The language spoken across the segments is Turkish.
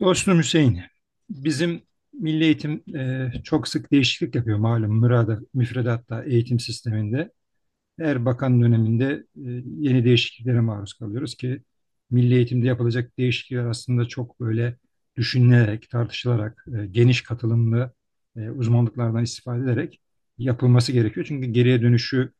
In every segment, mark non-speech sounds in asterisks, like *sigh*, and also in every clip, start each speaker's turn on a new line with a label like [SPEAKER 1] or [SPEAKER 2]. [SPEAKER 1] Dostum Hüseyin, bizim Milli Eğitim çok sık değişiklik yapıyor malum mürada, müfredatta eğitim sisteminde. Her bakan döneminde yeni değişikliklere maruz kalıyoruz ki Milli Eğitim'de yapılacak değişiklikler aslında çok böyle düşünülerek, tartışılarak, geniş katılımlı uzmanlıklardan istifade ederek yapılması gerekiyor. Çünkü geriye dönüşü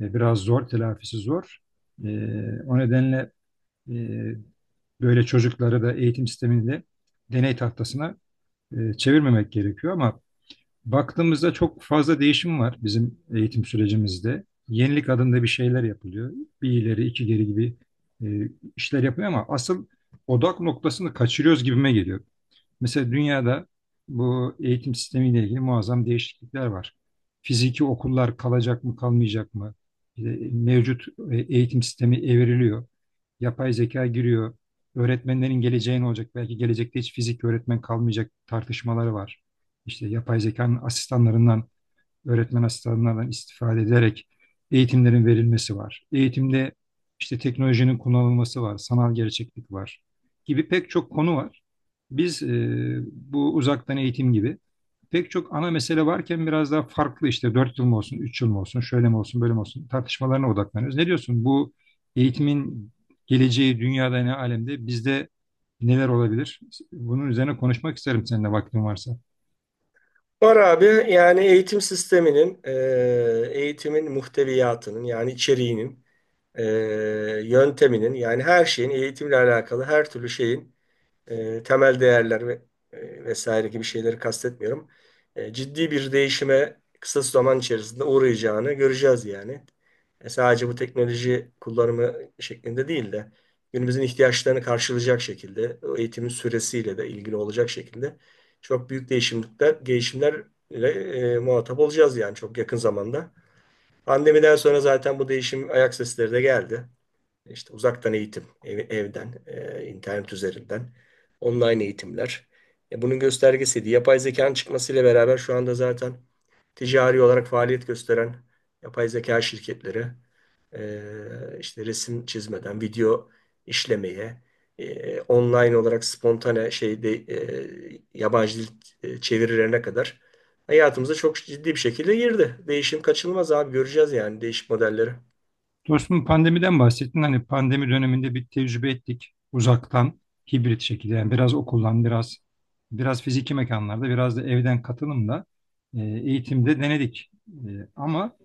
[SPEAKER 1] biraz zor, telafisi zor. E, O nedenle e, böyle çocukları da eğitim sisteminde deney tahtasına çevirmemek gerekiyor ama baktığımızda çok fazla değişim var bizim eğitim sürecimizde. Yenilik adında bir şeyler yapılıyor. Bir ileri iki geri gibi e, işler yapılıyor ama asıl odak noktasını kaçırıyoruz gibime geliyor. Mesela dünyada bu eğitim sistemiyle ilgili muazzam değişiklikler var. Fiziki okullar kalacak mı kalmayacak mı? E, Mevcut eğitim sistemi evriliyor. Yapay zeka giriyor. Öğretmenlerin geleceği ne olacak? Belki gelecekte hiç fizik öğretmen kalmayacak tartışmaları var. İşte yapay zekanın asistanlarından öğretmen asistanlarından istifade ederek eğitimlerin verilmesi var. Eğitimde işte teknolojinin kullanılması var, sanal gerçeklik var gibi pek çok konu var. Biz bu uzaktan eğitim gibi pek çok ana mesele varken biraz daha farklı işte 4 yıl mı olsun, 3 yıl mı olsun, şöyle mi olsun, böyle mi olsun tartışmalarına odaklanıyoruz. Ne diyorsun bu eğitimin geleceği dünyada ne alemde bizde neler olabilir? Bunun üzerine konuşmak isterim seninle vaktin varsa.
[SPEAKER 2] Var abi yani eğitim sisteminin, eğitimin muhteviyatının yani içeriğinin, e, yönteminin yani her şeyin eğitimle alakalı her türlü şeyin temel değerler ve vesaire gibi şeyleri kastetmiyorum. Ciddi bir değişime kısa zaman içerisinde uğrayacağını göreceğiz yani. Sadece bu teknoloji kullanımı şeklinde değil de günümüzün ihtiyaçlarını karşılayacak şekilde, o eğitimin süresiyle de ilgili olacak şekilde çok büyük değişimlerle muhatap olacağız yani çok yakın zamanda. Pandemiden sonra zaten bu değişim ayak sesleri de geldi, işte uzaktan eğitim, evden, internet üzerinden, online eğitimler. Bunun göstergesiydi. Yapay zekanın çıkmasıyla beraber şu anda zaten ticari olarak faaliyet gösteren yapay zeka şirketleri, işte resim çizmeden video işlemeye, online olarak spontane şeyde, yabancı dil çevirilerine kadar hayatımıza çok ciddi bir şekilde girdi. Değişim kaçınılmaz abi, göreceğiz yani değişik modelleri.
[SPEAKER 1] Dostum pandemiden bahsettin. Hani pandemi döneminde bir tecrübe ettik uzaktan hibrit şekilde. Yani biraz okuldan, biraz fiziki mekanlarda, biraz da evden katılımla eğitimde denedik. Ama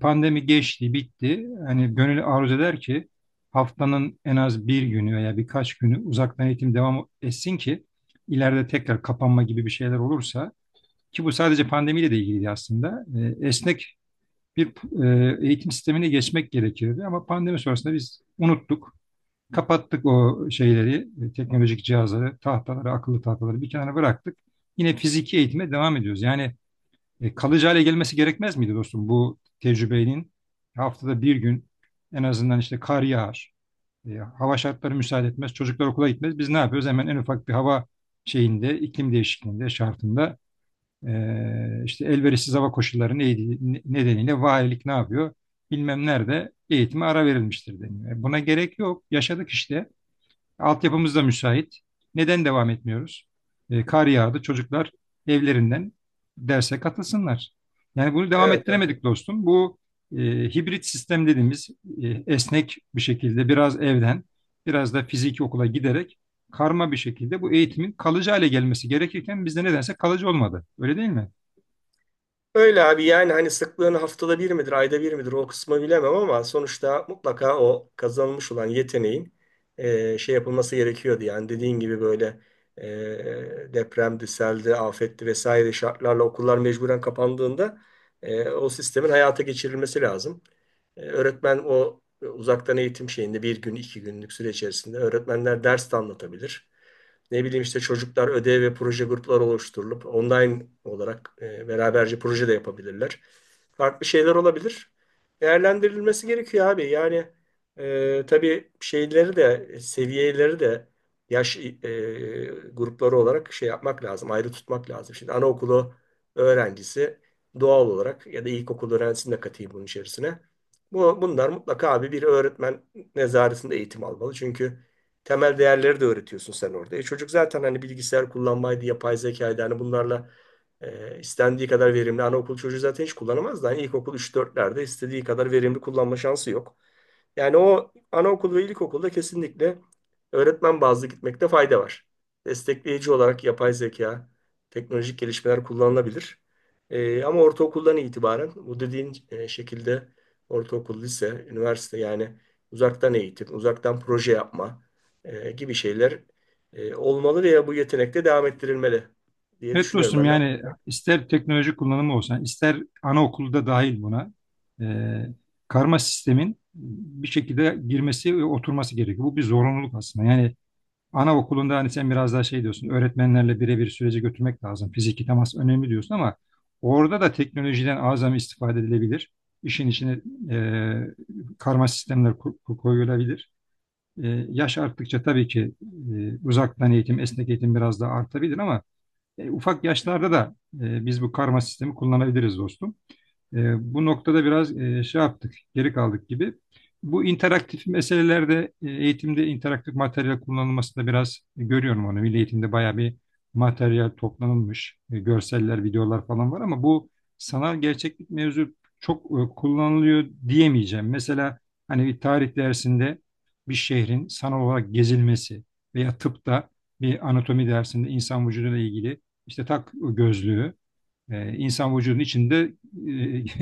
[SPEAKER 1] pandemi geçti, bitti. Hani gönül arzu eder ki haftanın en az bir günü veya birkaç günü uzaktan eğitim devam etsin ki ileride tekrar kapanma gibi bir şeyler olursa ki bu sadece pandemiyle de ilgili aslında. Esnek bir eğitim sistemine geçmek gerekirdi ama pandemi sonrasında biz unuttuk. Kapattık o şeyleri, teknolojik cihazları, tahtaları, akıllı tahtaları bir kenara bıraktık. Yine fiziki eğitime devam ediyoruz. Yani kalıcı hale gelmesi gerekmez miydi dostum bu tecrübenin? Haftada bir gün en azından işte kar yağar, hava şartları müsaade etmez, çocuklar okula gitmez. Biz ne yapıyoruz? Hemen en ufak bir hava şeyinde, iklim değişikliğinde, şartında işte elverişsiz hava koşulları nedeniyle valilik ne yapıyor? Bilmem nerede eğitime ara verilmiştir deniyor. Buna gerek yok. Yaşadık işte. Altyapımız da müsait. Neden devam etmiyoruz? Kar yağdı. Çocuklar evlerinden derse katılsınlar. Yani bunu devam
[SPEAKER 2] Evet.
[SPEAKER 1] ettiremedik dostum. Bu e, hibrit sistem dediğimiz e, esnek bir şekilde biraz evden, biraz da fiziki okula giderek karma bir şekilde bu eğitimin kalıcı hale gelmesi gerekirken bizde nedense kalıcı olmadı. Öyle değil mi?
[SPEAKER 2] Öyle abi, yani hani sıklığını haftada bir midir, ayda bir midir o kısmı bilemem ama sonuçta mutlaka o kazanılmış olan yeteneğin şey yapılması gerekiyordu. Yani dediğin gibi böyle e, depremdi, seldi, afetti vesaire şartlarla okullar mecburen kapandığında o sistemin hayata geçirilmesi lazım. Öğretmen o uzaktan eğitim şeyinde bir gün, iki günlük süre içerisinde öğretmenler ders de anlatabilir. Ne bileyim, işte çocuklar ödev ve proje grupları oluşturulup online olarak beraberce proje de yapabilirler. Farklı şeyler olabilir. Değerlendirilmesi gerekiyor abi. Yani tabii şeyleri de, seviyeleri de, yaş grupları olarak şey yapmak lazım. Ayrı tutmak lazım. Şimdi anaokulu öğrencisi doğal olarak, ya da ilkokul öğrencisini de katayım bunun içerisine. Bunlar mutlaka abi bir öğretmen nezaretinde eğitim almalı. Çünkü temel değerleri de öğretiyorsun sen orada. E çocuk zaten hani bilgisayar kullanmaydı, yapay zekaydı. Hani bunlarla istendiği kadar verimli. Anaokul çocuğu zaten hiç kullanamaz da. Hani ilkokul üç dörtlerde istediği kadar verimli kullanma şansı yok. Yani o anaokul ve ilkokulda kesinlikle öğretmen bazlı gitmekte fayda var. Destekleyici olarak yapay zeka, teknolojik gelişmeler kullanılabilir. Ama ortaokuldan itibaren bu dediğin şekilde ortaokul, lise, üniversite yani uzaktan eğitim, uzaktan proje yapma, gibi şeyler olmalı veya bu yetenek de devam ettirilmeli diye
[SPEAKER 1] Evet
[SPEAKER 2] düşünüyorum
[SPEAKER 1] dostum
[SPEAKER 2] ben de.
[SPEAKER 1] yani ister teknoloji kullanımı olsun, yani ister anaokulda dahil buna e, karma sistemin bir şekilde girmesi ve oturması gerekiyor. Bu bir zorunluluk aslında. Yani anaokulunda hani sen biraz daha şey diyorsun, öğretmenlerle birebir süreci götürmek lazım. Fiziki temas önemli diyorsun ama orada da teknolojiden azami istifade edilebilir. İşin içine karma sistemler koyulabilir. Yaş arttıkça tabii ki uzaktan eğitim, esnek eğitim biraz daha artabilir ama ufak yaşlarda da biz bu karma sistemi kullanabiliriz dostum. E, Bu noktada biraz şey yaptık, geri kaldık gibi. Bu interaktif meselelerde eğitimde interaktif materyal kullanılmasında biraz görüyorum onu. Milli eğitimde bayağı bir materyal toplanılmış. Görseller, videolar falan var ama bu sanal gerçeklik mevzu çok kullanılıyor diyemeyeceğim. Mesela hani bir tarih dersinde bir şehrin sanal olarak gezilmesi veya tıpta bir anatomi dersinde insan vücuduyla ilgili işte tak gözlüğü insan vücudunun içinde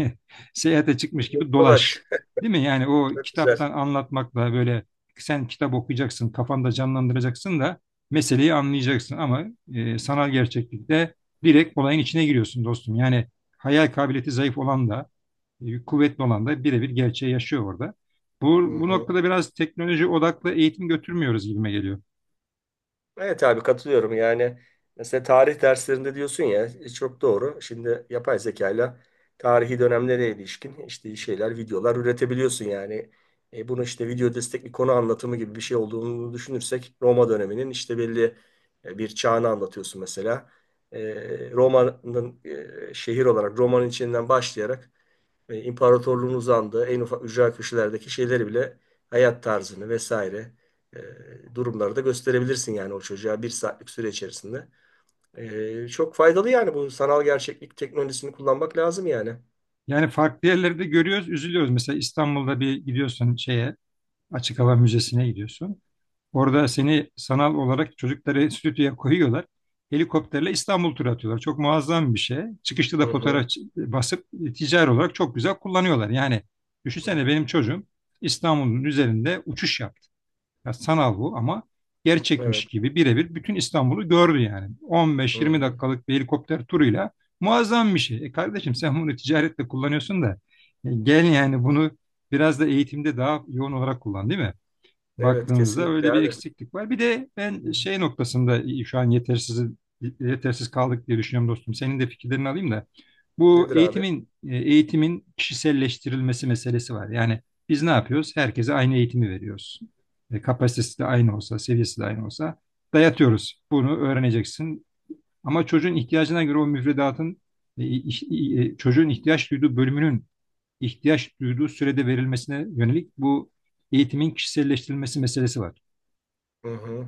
[SPEAKER 1] e, *laughs* seyahate çıkmış gibi dolaş.
[SPEAKER 2] Dolaş.
[SPEAKER 1] Değil mi? Yani
[SPEAKER 2] *laughs*
[SPEAKER 1] o
[SPEAKER 2] Çok güzel.
[SPEAKER 1] kitaptan anlatmakla böyle sen kitap okuyacaksın, kafanda canlandıracaksın da meseleyi anlayacaksın ama sanal gerçeklikte direkt olayın içine giriyorsun dostum. Yani hayal kabiliyeti zayıf olan da, kuvvetli olan da birebir gerçeği yaşıyor orada.
[SPEAKER 2] Hı
[SPEAKER 1] Bu, bu
[SPEAKER 2] hı.
[SPEAKER 1] noktada biraz teknoloji odaklı eğitim götürmüyoruz gibime geliyor.
[SPEAKER 2] Evet abi, katılıyorum yani. Mesela tarih derslerinde diyorsun ya, çok doğru. Şimdi yapay zekayla tarihi dönemlere ilişkin işte şeyler, videolar üretebiliyorsun yani. Bunu işte video destekli konu anlatımı gibi bir şey olduğunu düşünürsek, Roma döneminin işte belli bir çağını anlatıyorsun mesela. E, Roma'nın, şehir olarak Roma'nın içinden başlayarak, imparatorluğun uzandığı en ufak ücra köşelerdeki şeyleri bile, hayat tarzını vesaire durumları da gösterebilirsin yani o çocuğa bir saatlik süre içerisinde. Çok faydalı yani, bu sanal gerçeklik teknolojisini kullanmak lazım yani.
[SPEAKER 1] Yani farklı yerlerde görüyoruz, üzülüyoruz. Mesela İstanbul'da bir gidiyorsun şeye, açık hava müzesine gidiyorsun. Orada seni sanal olarak çocukları stüdyoya koyuyorlar. Helikopterle İstanbul turu atıyorlar. Çok muazzam bir şey. Çıkışta
[SPEAKER 2] Hı
[SPEAKER 1] da fotoğraf
[SPEAKER 2] hı.
[SPEAKER 1] basıp ticari olarak çok güzel kullanıyorlar. Yani
[SPEAKER 2] Hı.
[SPEAKER 1] düşünsene benim çocuğum İstanbul'un üzerinde uçuş yaptı. Ya sanal bu ama
[SPEAKER 2] Evet.
[SPEAKER 1] gerçekmiş gibi birebir bütün İstanbul'u gördü yani.
[SPEAKER 2] Hı
[SPEAKER 1] 15-20
[SPEAKER 2] hı.
[SPEAKER 1] dakikalık bir helikopter turuyla muazzam bir şey. E kardeşim sen bunu ticaretle kullanıyorsun da gel yani bunu biraz da eğitimde daha yoğun olarak kullan değil mi?
[SPEAKER 2] Evet
[SPEAKER 1] Baktığımızda
[SPEAKER 2] kesinlikle
[SPEAKER 1] öyle bir
[SPEAKER 2] abi.
[SPEAKER 1] eksiklik var. Bir de ben şey noktasında şu an yetersiz kaldık diye düşünüyorum dostum. Senin de fikirlerini alayım da. Bu
[SPEAKER 2] Nedir abi?
[SPEAKER 1] eğitimin kişiselleştirilmesi meselesi var. Yani biz ne yapıyoruz? Herkese aynı eğitimi veriyoruz. Kapasitesi de aynı olsa, seviyesi de aynı olsa dayatıyoruz. Bunu öğreneceksin. Ama çocuğun ihtiyacına göre o müfredatın çocuğun ihtiyaç duyduğu bölümünün ihtiyaç duyduğu sürede verilmesine yönelik bu eğitimin kişiselleştirilmesi meselesi var.
[SPEAKER 2] Hı hı.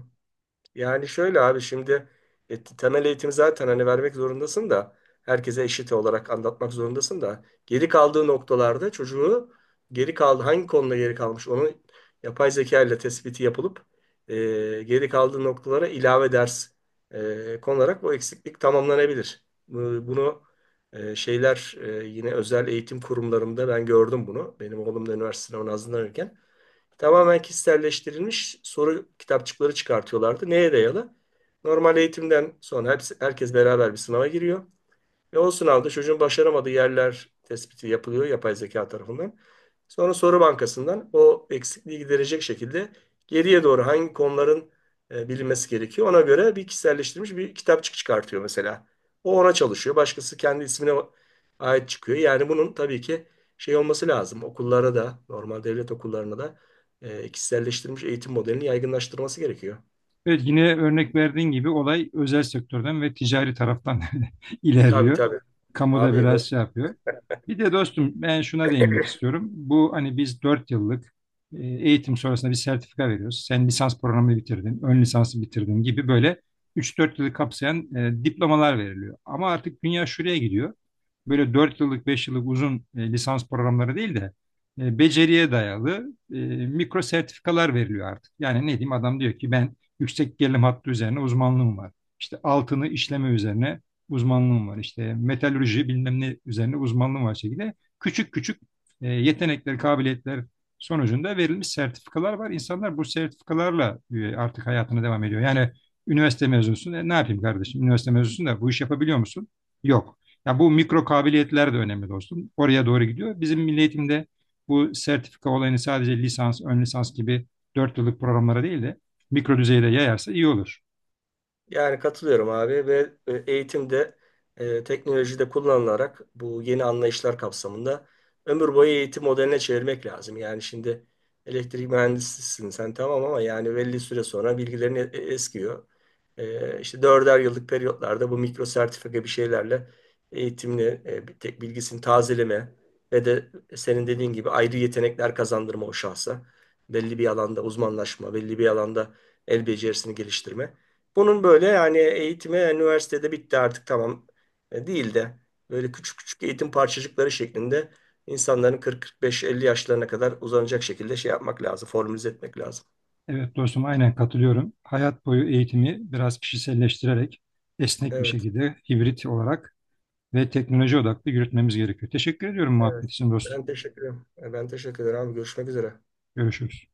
[SPEAKER 2] Yani şöyle abi, şimdi temel eğitimi zaten hani vermek zorundasın da, herkese eşit olarak anlatmak zorundasın da, geri kaldığı noktalarda çocuğu, geri kaldı hangi konuda geri kalmış onu yapay zeka ile tespiti yapılıp e, geri kaldığı noktalara ilave ders konularak bu eksiklik tamamlanabilir. Bunu şeyler, yine özel eğitim kurumlarında ben gördüm bunu. Benim oğlum da üniversite sınavına hazırlanırken. Tamamen kişiselleştirilmiş soru kitapçıkları çıkartıyorlardı. Neye dayalı? Normal eğitimden sonra hepsi, herkes beraber bir sınava giriyor. Ve o sınavda çocuğun başaramadığı yerler tespiti yapılıyor yapay zeka tarafından. Sonra soru bankasından o eksikliği giderecek şekilde, geriye doğru hangi konuların bilinmesi gerekiyor. Ona göre bir kişiselleştirilmiş bir kitapçık çıkartıyor mesela. O ona çalışıyor. Başkası kendi ismine ait çıkıyor. Yani bunun tabii ki şey olması lazım. Okullara da, normal devlet okullarına da kişiselleştirilmiş eğitim modelini yaygınlaştırması gerekiyor.
[SPEAKER 1] Evet, yine örnek verdiğin gibi olay özel sektörden ve ticari taraftan *laughs*
[SPEAKER 2] Tabii,
[SPEAKER 1] ilerliyor.
[SPEAKER 2] tabii.
[SPEAKER 1] Kamuda
[SPEAKER 2] Abi,
[SPEAKER 1] biraz şey yapıyor. Bir de dostum ben şuna değinmek istiyorum. Bu hani biz 4 yıllık eğitim sonrasında bir sertifika veriyoruz. Sen lisans programını bitirdin, ön lisansı bitirdin gibi böyle 3-4 yılı kapsayan diplomalar veriliyor. Ama artık dünya şuraya gidiyor. Böyle 4 yıllık, 5 yıllık uzun lisans programları değil de beceriye dayalı mikro sertifikalar veriliyor artık. Yani ne diyeyim adam diyor ki ben yüksek gerilim hattı üzerine uzmanlığım var. İşte altını işleme üzerine uzmanlığım var. İşte metalürji bilmem ne üzerine uzmanlığım var şekilde. Küçük küçük yetenekler, kabiliyetler sonucunda verilmiş sertifikalar var. İnsanlar bu sertifikalarla artık hayatına devam ediyor. Yani üniversite mezunsun. Ne yapayım kardeşim? Üniversite mezunsun da bu iş yapabiliyor musun? Yok. Ya bu mikro kabiliyetler de önemli dostum. Oraya doğru gidiyor. Bizim milli eğitimde bu sertifika olayını sadece lisans, ön lisans gibi 4 yıllık programlara değil de mikro düzeyde yayarsa iyi olur.
[SPEAKER 2] yani katılıyorum abi ve eğitimde teknolojide kullanılarak bu yeni anlayışlar kapsamında ömür boyu eğitim modeline çevirmek lazım. Yani şimdi elektrik mühendisisin sen tamam, ama yani belli süre sonra bilgilerin eskiyor. İşte dörder yıllık periyotlarda bu mikro sertifika bir şeylerle eğitimli bir tek bilgisini tazeleme ve de senin dediğin gibi ayrı yetenekler kazandırma o şahsa. Belli bir alanda uzmanlaşma, belli bir alanda el becerisini geliştirme. Bunun böyle yani eğitimi üniversitede bitti artık tamam değil de, böyle küçük küçük eğitim parçacıkları şeklinde insanların 40-45-50 yaşlarına kadar uzanacak şekilde şey yapmak lazım, formülize etmek lazım.
[SPEAKER 1] Evet dostum aynen katılıyorum. Hayat boyu eğitimi biraz kişiselleştirerek esnek bir
[SPEAKER 2] Evet,
[SPEAKER 1] şekilde hibrit olarak ve teknoloji odaklı yürütmemiz gerekiyor. Teşekkür ediyorum
[SPEAKER 2] evet.
[SPEAKER 1] muhabbet için dostum.
[SPEAKER 2] Ben teşekkür ederim. Ben teşekkür ederim abi. Görüşmek üzere.
[SPEAKER 1] Görüşürüz.